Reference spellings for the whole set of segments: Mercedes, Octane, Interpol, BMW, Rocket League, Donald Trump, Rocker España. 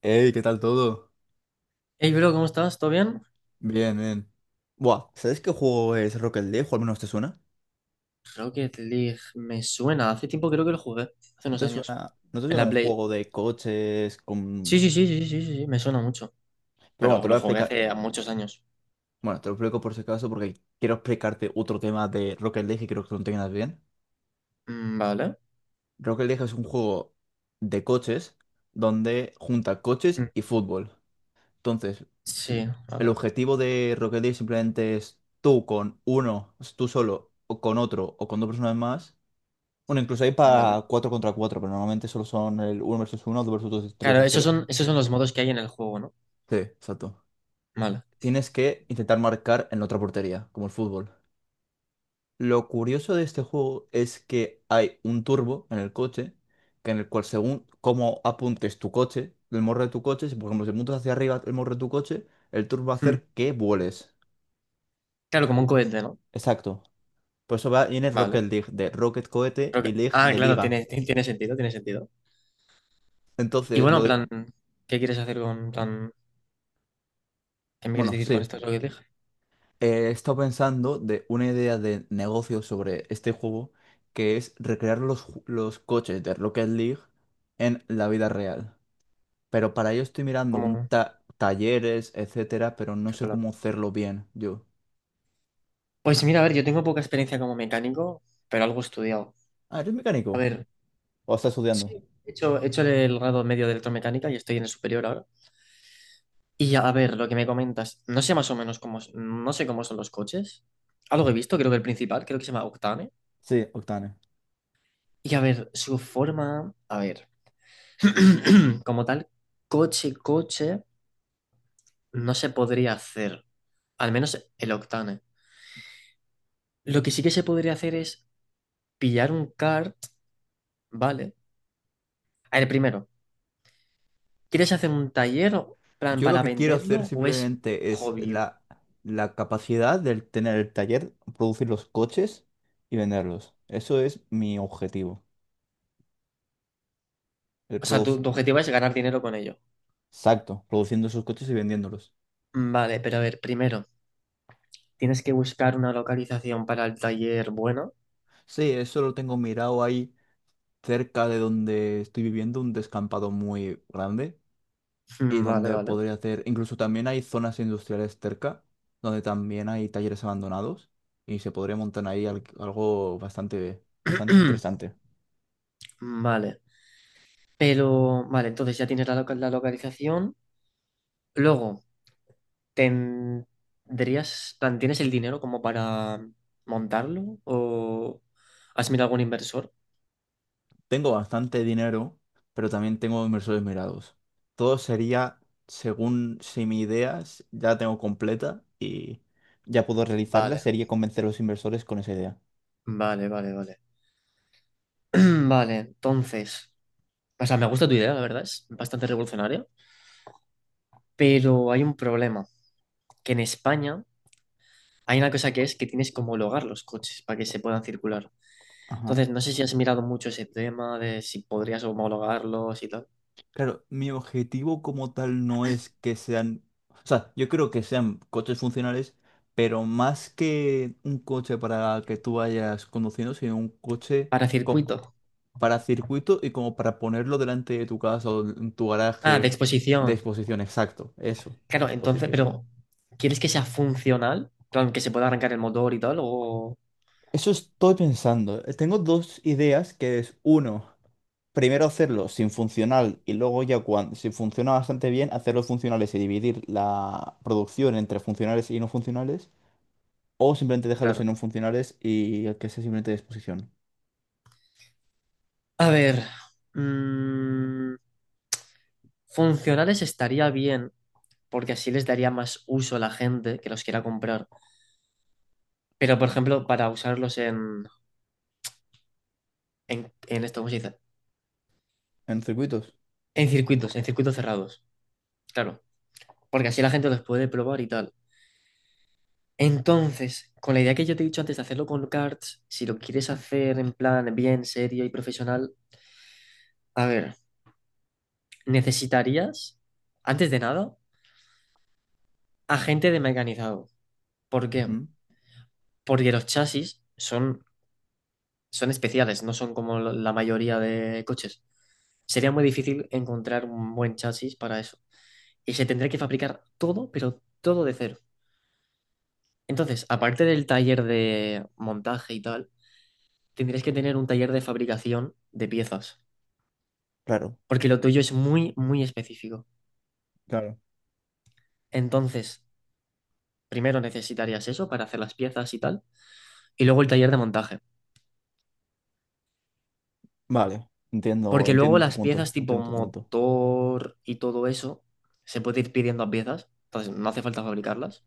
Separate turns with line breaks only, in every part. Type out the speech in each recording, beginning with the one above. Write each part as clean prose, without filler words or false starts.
Hey, ¿qué tal todo?
Hey, bro, ¿cómo estás? ¿Todo bien?
Bien, bien. Buah, ¿sabes qué juego es Rocket League? O al menos te suena.
Rocket League, me suena. Hace tiempo creo que lo jugué, hace
¿No
unos
te
años.
suena,
En la
un
Play.
juego de coches
Sí,
con...
sí, sí, sí, sí, sí, sí, me suena mucho.
Pero bueno,
Pero
te lo voy
lo
a
jugué
explicar.
hace muchos años.
Bueno, te lo explico por si acaso porque quiero explicarte otro tema de Rocket League y creo que lo entiendas bien.
Vale.
Rocket League es un juego de coches donde junta coches
Mm,
y fútbol. Entonces, l-
Sí,
el
vale,
objetivo de Rocket League simplemente es tú con uno, tú solo, o con otro, o con dos personas más. Bueno, incluso hay
vale.
para 4 contra 4, pero normalmente solo son el uno versus uno, 2 versus 2, 3
Claro,
versus 3.
esos son los modos que hay en el juego, ¿no?
Sí, exacto.
Vale.
Tienes que intentar marcar en la otra portería, como el fútbol. Lo curioso de este juego es que hay un turbo en el coche, que en el cual según cómo apuntes tu coche, el morro de tu coche, si por ejemplo si apuntas hacia arriba el morro de tu coche, el turbo va a
Mm,
hacer que vueles.
Claro, como
Sí.
un cohete, ¿no?
Exacto. Por eso va, viene Rocket
Vale.
League, de Rocket Cohete y League
Ah,
de
claro,
Liga.
tiene sentido, tiene sentido. Y
Entonces,
bueno, ¿qué quieres hacer con qué me quieres
Bueno,
decir con
sí.
esto Rocket League?
He estado pensando de una idea de negocio sobre este juego, que es recrear los, los coches de Rocket League en la vida real. Pero para ello estoy mirando un
¿Cómo?
talleres, etcétera, pero no
Qué
sé cómo hacerlo bien yo.
Pues mira, a ver, yo tengo poca experiencia como mecánico, pero algo he estudiado.
Ah, ¿eres
A
mecánico?
ver,
¿O estás
sí,
estudiando?
he hecho el grado medio de electromecánica y estoy en el superior ahora. Y a ver, lo que me comentas, no sé más o menos no sé cómo son los coches. Algo he visto, creo que se llama Octane.
Sí, Octane.
Y a ver, su forma, a ver, como tal, coche, coche, no se podría hacer. Al menos el Octane. Lo que sí que se podría hacer es pillar un kart, ¿vale? A ver, primero, ¿quieres hacer un taller, plan,
Yo lo
para
que quiero
venderlo
hacer
o es
simplemente es
hobby?
la, la capacidad de tener el taller, producir los coches y venderlos. Eso es mi objetivo. El
O sea, tu objetivo es ganar dinero con ello.
exacto, produciendo esos coches y vendiéndolos.
Vale, pero a ver, primero, tienes que buscar una localización para el taller bueno.
Sí, eso lo tengo mirado ahí cerca de donde estoy viviendo, un descampado muy grande y
Vale,
donde
vale.
podría hacer, incluso también hay zonas industriales cerca, donde también hay talleres abandonados y se podría montar ahí algo bastante, bastante interesante.
Vale. Pero, vale, entonces ya tienes la localización. Luego, ¿tendrías, plan, tienes el dinero como para montarlo? ¿O has mirado algún inversor?
Tengo bastante dinero, pero también tengo inversores mirados. Todo sería según si mi idea ya la tengo completa y ya puedo realizarla,
Vale,
sería convencer a los inversores con esa idea.
vale, vale, vale. Vale, entonces, o sea, me gusta tu idea, la verdad, es bastante revolucionaria, pero hay un problema, que en España hay una cosa que es que tienes que homologar los coches para que se puedan circular.
Ajá.
Entonces, no sé si has mirado mucho ese tema de si podrías homologarlos y tal.
Claro, mi objetivo como tal no es que sean, o sea, yo creo que sean coches funcionales, pero más que un coche para que tú vayas conduciendo, sino un coche
Para
co-
circuito.
para circuito y como para ponerlo delante de tu casa o en tu
Ah, de
garaje de
exposición.
exposición, exacto, eso,
Claro, entonces,
exposición.
pero ¿quieres que sea funcional? Claro, que se pueda arrancar el motor y tal, o...
Eso estoy pensando. Tengo dos ideas, que es uno. Primero hacerlo sin funcional y luego ya cuando, si funciona bastante bien, hacerlos funcionales y dividir la producción entre funcionales y no funcionales, o simplemente dejarlos
Claro.
en no funcionales y el que sea simplemente de exposición.
A ver, mm, funcionales estaría bien, porque así les daría más uso a la gente que los quiera comprar. Pero, por ejemplo, en esto, ¿cómo se dice?
En circuitos.
En circuitos cerrados. Claro. Porque así la gente los puede probar y tal. Entonces, con la idea que yo te he dicho antes de hacerlo con cards, si lo quieres hacer en plan bien, serio y profesional, a ver, necesitarías, antes de nada, agente de mecanizado. ¿Por qué?
Ujú,
Porque son especiales, no son como la mayoría de coches. Sería muy difícil encontrar un buen chasis para eso. Y se tendría que fabricar todo, pero todo de cero. Entonces, aparte del taller de montaje y tal, tendrías que tener un taller de fabricación de piezas,
claro.
porque lo tuyo es muy, muy específico.
Claro.
Entonces, primero necesitarías eso para hacer las piezas y tal, y luego el taller de montaje,
Vale. Entiendo,
porque luego
entiendo tu
las piezas
punto.
tipo
Entiendo tu punto.
motor y todo eso se puede ir pidiendo a piezas, entonces no hace falta fabricarlas.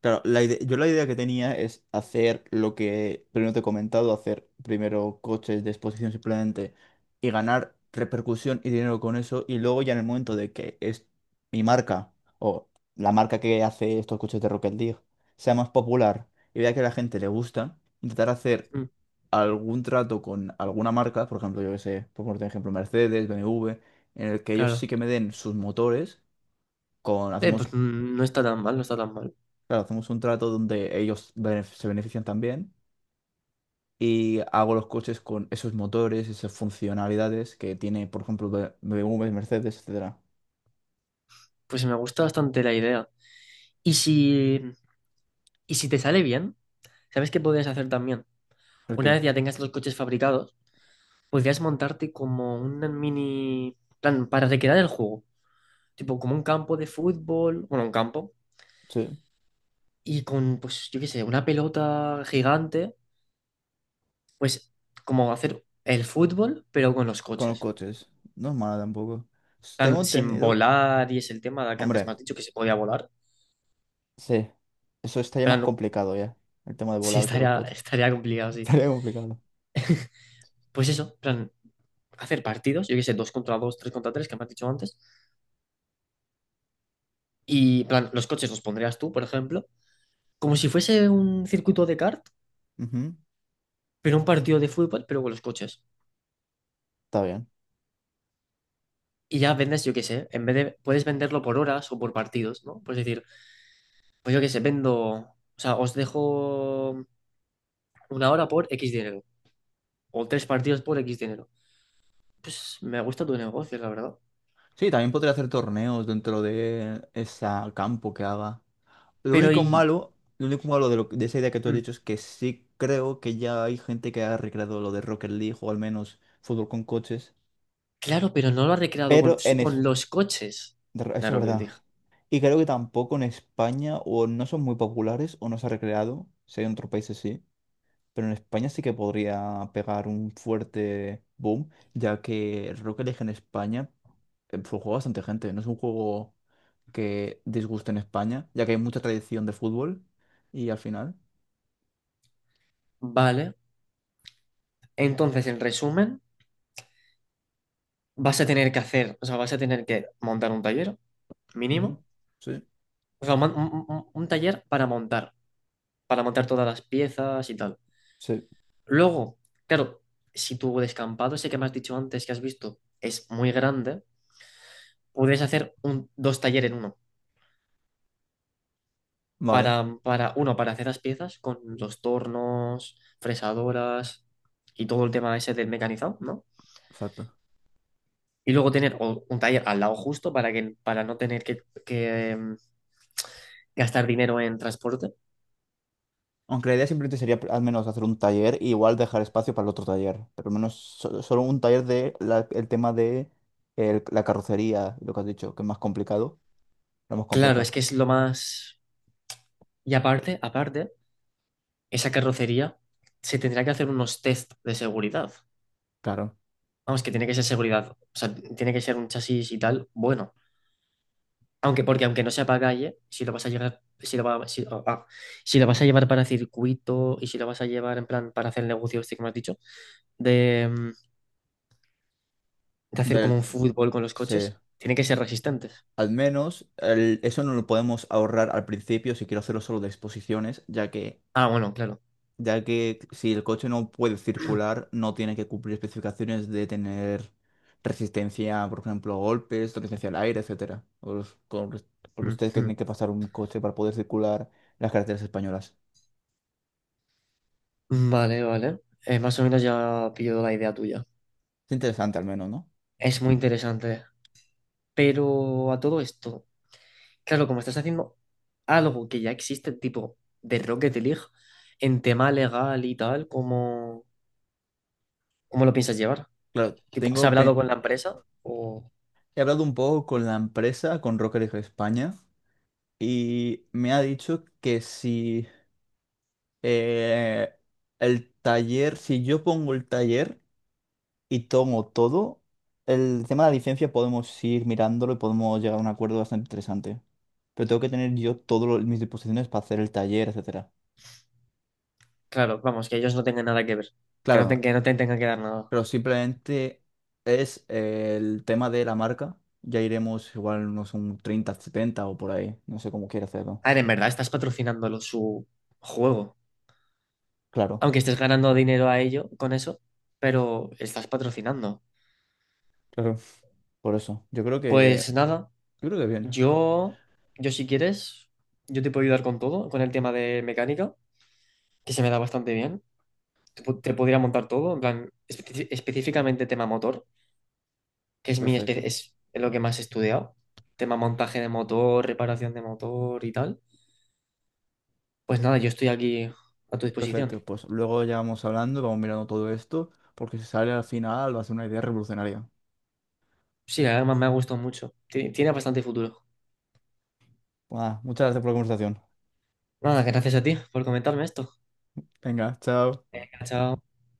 Claro, yo la idea que tenía es hacer lo que primero te he comentado, hacer primero coches de exposición simplemente y ganar repercusión y dinero con eso y luego ya en el momento de que es mi marca o la marca que hace estos coches de Rocket League sea más popular y vea que a la gente le gusta, intentar hacer
Mm,
algún trato con alguna marca, por ejemplo, yo que sé, por poner un ejemplo, Mercedes, BMW, en el que ellos sí
claro.
que me den sus motores, con,
Pues
hacemos.
no está tan mal, no está tan mal.
Claro, hacemos un trato donde ellos se benefician también y hago los coches con esos motores, esas funcionalidades que tiene, por ejemplo, BMW, Mercedes, etcétera.
Pues me gusta bastante la idea. Y si, y si te sale bien, ¿sabes qué podrías hacer también?
¿Por
Una
qué?
vez ya tengas los coches fabricados, podrías montarte como una mini, plan, para recrear el juego, tipo como un campo de fútbol, bueno, un campo,
Sí,
y con, pues, yo qué sé, una pelota gigante, pues, como hacer el fútbol, pero con los
con los
coches,
coches. No es mala tampoco. Tengo
plan, sin
entendido.
volar, y es el tema que antes me
Hombre,
has dicho que se podía volar,
sí. Eso estaría más
plan,
complicado ya. El tema de
sí,
volar con los coches.
estaría complicado, sí.
Estaría complicado.
Pues eso, plan, hacer partidos, yo qué sé, dos contra dos, tres contra tres, que me has dicho antes, y, plan, los coches los pondrías tú, por ejemplo, como si fuese un circuito de kart,
Ujú,
pero un partido de fútbol, pero con los coches.
está bien.
Y ya vendes, yo qué sé, en vez de, puedes venderlo por horas o por partidos, ¿no? Pues decir, pues yo qué sé, vendo, o sea, os dejo una hora por X dinero, o tres partidos por X dinero. Pues me gusta tu negocio, la verdad.
Sí, también podría hacer torneos dentro de ese campo que haga. Lo
Pero
único
y,
malo, lo único malo de, de esa idea que tú has
mm,
dicho es que sí creo que ya hay gente que ha recreado lo de Rocket League o al menos fútbol con coches,
claro, pero no lo ha recreado con,
pero en
con
es,
los coches.
de re- eso es
Claro que
verdad.
dije,
Y creo que tampoco en España o no son muy populares o no se ha recreado, si hay en otros países sí, pero en España sí que podría pegar un fuerte boom, ya que el Rocket League en España lo juega bastante gente, no es un juego que disguste en España, ya que hay mucha tradición de fútbol y al final.
vale. Entonces, en resumen, vas a tener que hacer, o sea, vas a tener que montar un taller
Ujú.
mínimo,
Sí,
o sea, un taller para montar, para montar todas las piezas y tal.
sí,
Luego, claro, si tu descampado ese que me has dicho antes que has visto es muy grande, puedes hacer un, dos talleres en uno.
vale,
Para, uno, para hacer las piezas con los tornos, fresadoras y todo el tema ese del mecanizado, ¿no?
exacto.
Y luego tener un taller al lado justo para que, para no tener que, em, gastar dinero en transporte.
Aunque la idea simplemente sería al menos hacer un taller y igual dejar espacio para el otro taller, pero al menos solo un taller de el tema de la carrocería, lo que has dicho, que es más complicado, lo hemos
Claro, es
complicado.
que es lo más... Y aparte, aparte, esa carrocería se tendrá que hacer unos test de seguridad.
Claro.
Vamos, que tiene que ser seguridad. O sea, tiene que ser un chasis y tal. Bueno, aunque porque aunque no sea para calle, si lo vas a llevar si lo va- si, ah, ah, si lo vas a llevar para circuito y si lo vas a llevar en plan para hacer el negocio este que me has dicho, de, mm, de hacer como
Del,
un fútbol con los
sí,
coches, tiene que ser resistente.
al menos eso no lo podemos ahorrar al principio si quiero hacerlo solo de exposiciones,
Ah, bueno, claro.
ya que si el coche no puede circular, no tiene que cumplir especificaciones de tener resistencia, por ejemplo, a golpes, resistencia al aire, etcétera. Con ustedes que
Ujú.
tienen que pasar un coche para poder circular las carreteras españolas.
Vale, vale. Más o menos ya pillo la idea tuya.
Es interesante al menos, ¿no?
Es muy interesante. Pero a todo esto. Claro, como estás haciendo algo que ya existe, tipo de Rocket League, en tema legal y tal, ¿cómo lo piensas llevar?
Claro,
Tipo, ¿has
tengo
hablado con la empresa? O,
he hablado un poco con la empresa, con Rocker España, y me ha dicho que si eh, el taller, si yo pongo el taller y tomo todo. El tema de la licencia podemos ir mirándolo y podemos llegar a un acuerdo bastante interesante. Pero tengo que tener yo todas mis disposiciones para hacer el taller, etcétera.
claro, vamos, que ellos no tengan nada que ver,
Claro,
que no te tengan que dar nada.
pero simplemente es el tema de la marca. Ya iremos igual unos un 30, 70 o por ahí. No sé cómo quiere hacerlo.
A ver, en verdad estás patrocinándolo su juego,
Claro,
aunque estés ganando dinero a ello con eso, pero estás patrocinando.
claro. Por eso. Yo creo que.
Pues nada,
Yo creo que bien.
yo, yo si quieres, yo te puedo ayudar con todo, con el tema de mecánica, que se me da bastante bien. Te pudiera montar todo, en plan, específicamente tema motor, que es mi
Perfecto.
es lo que más he estudiado, tema montaje de motor, reparación de motor y tal. Pues nada, yo estoy aquí a tu disposición.
Perfecto. Pues luego ya vamos hablando, vamos mirando todo esto, porque si sale al final va a ser una idea revolucionaria.
Sí, además me ha gustado mucho. Tiene bastante futuro.
Buah, muchas gracias por la conversación.
Nada, gracias a ti por comentarme esto.
Venga, chao.
Chao.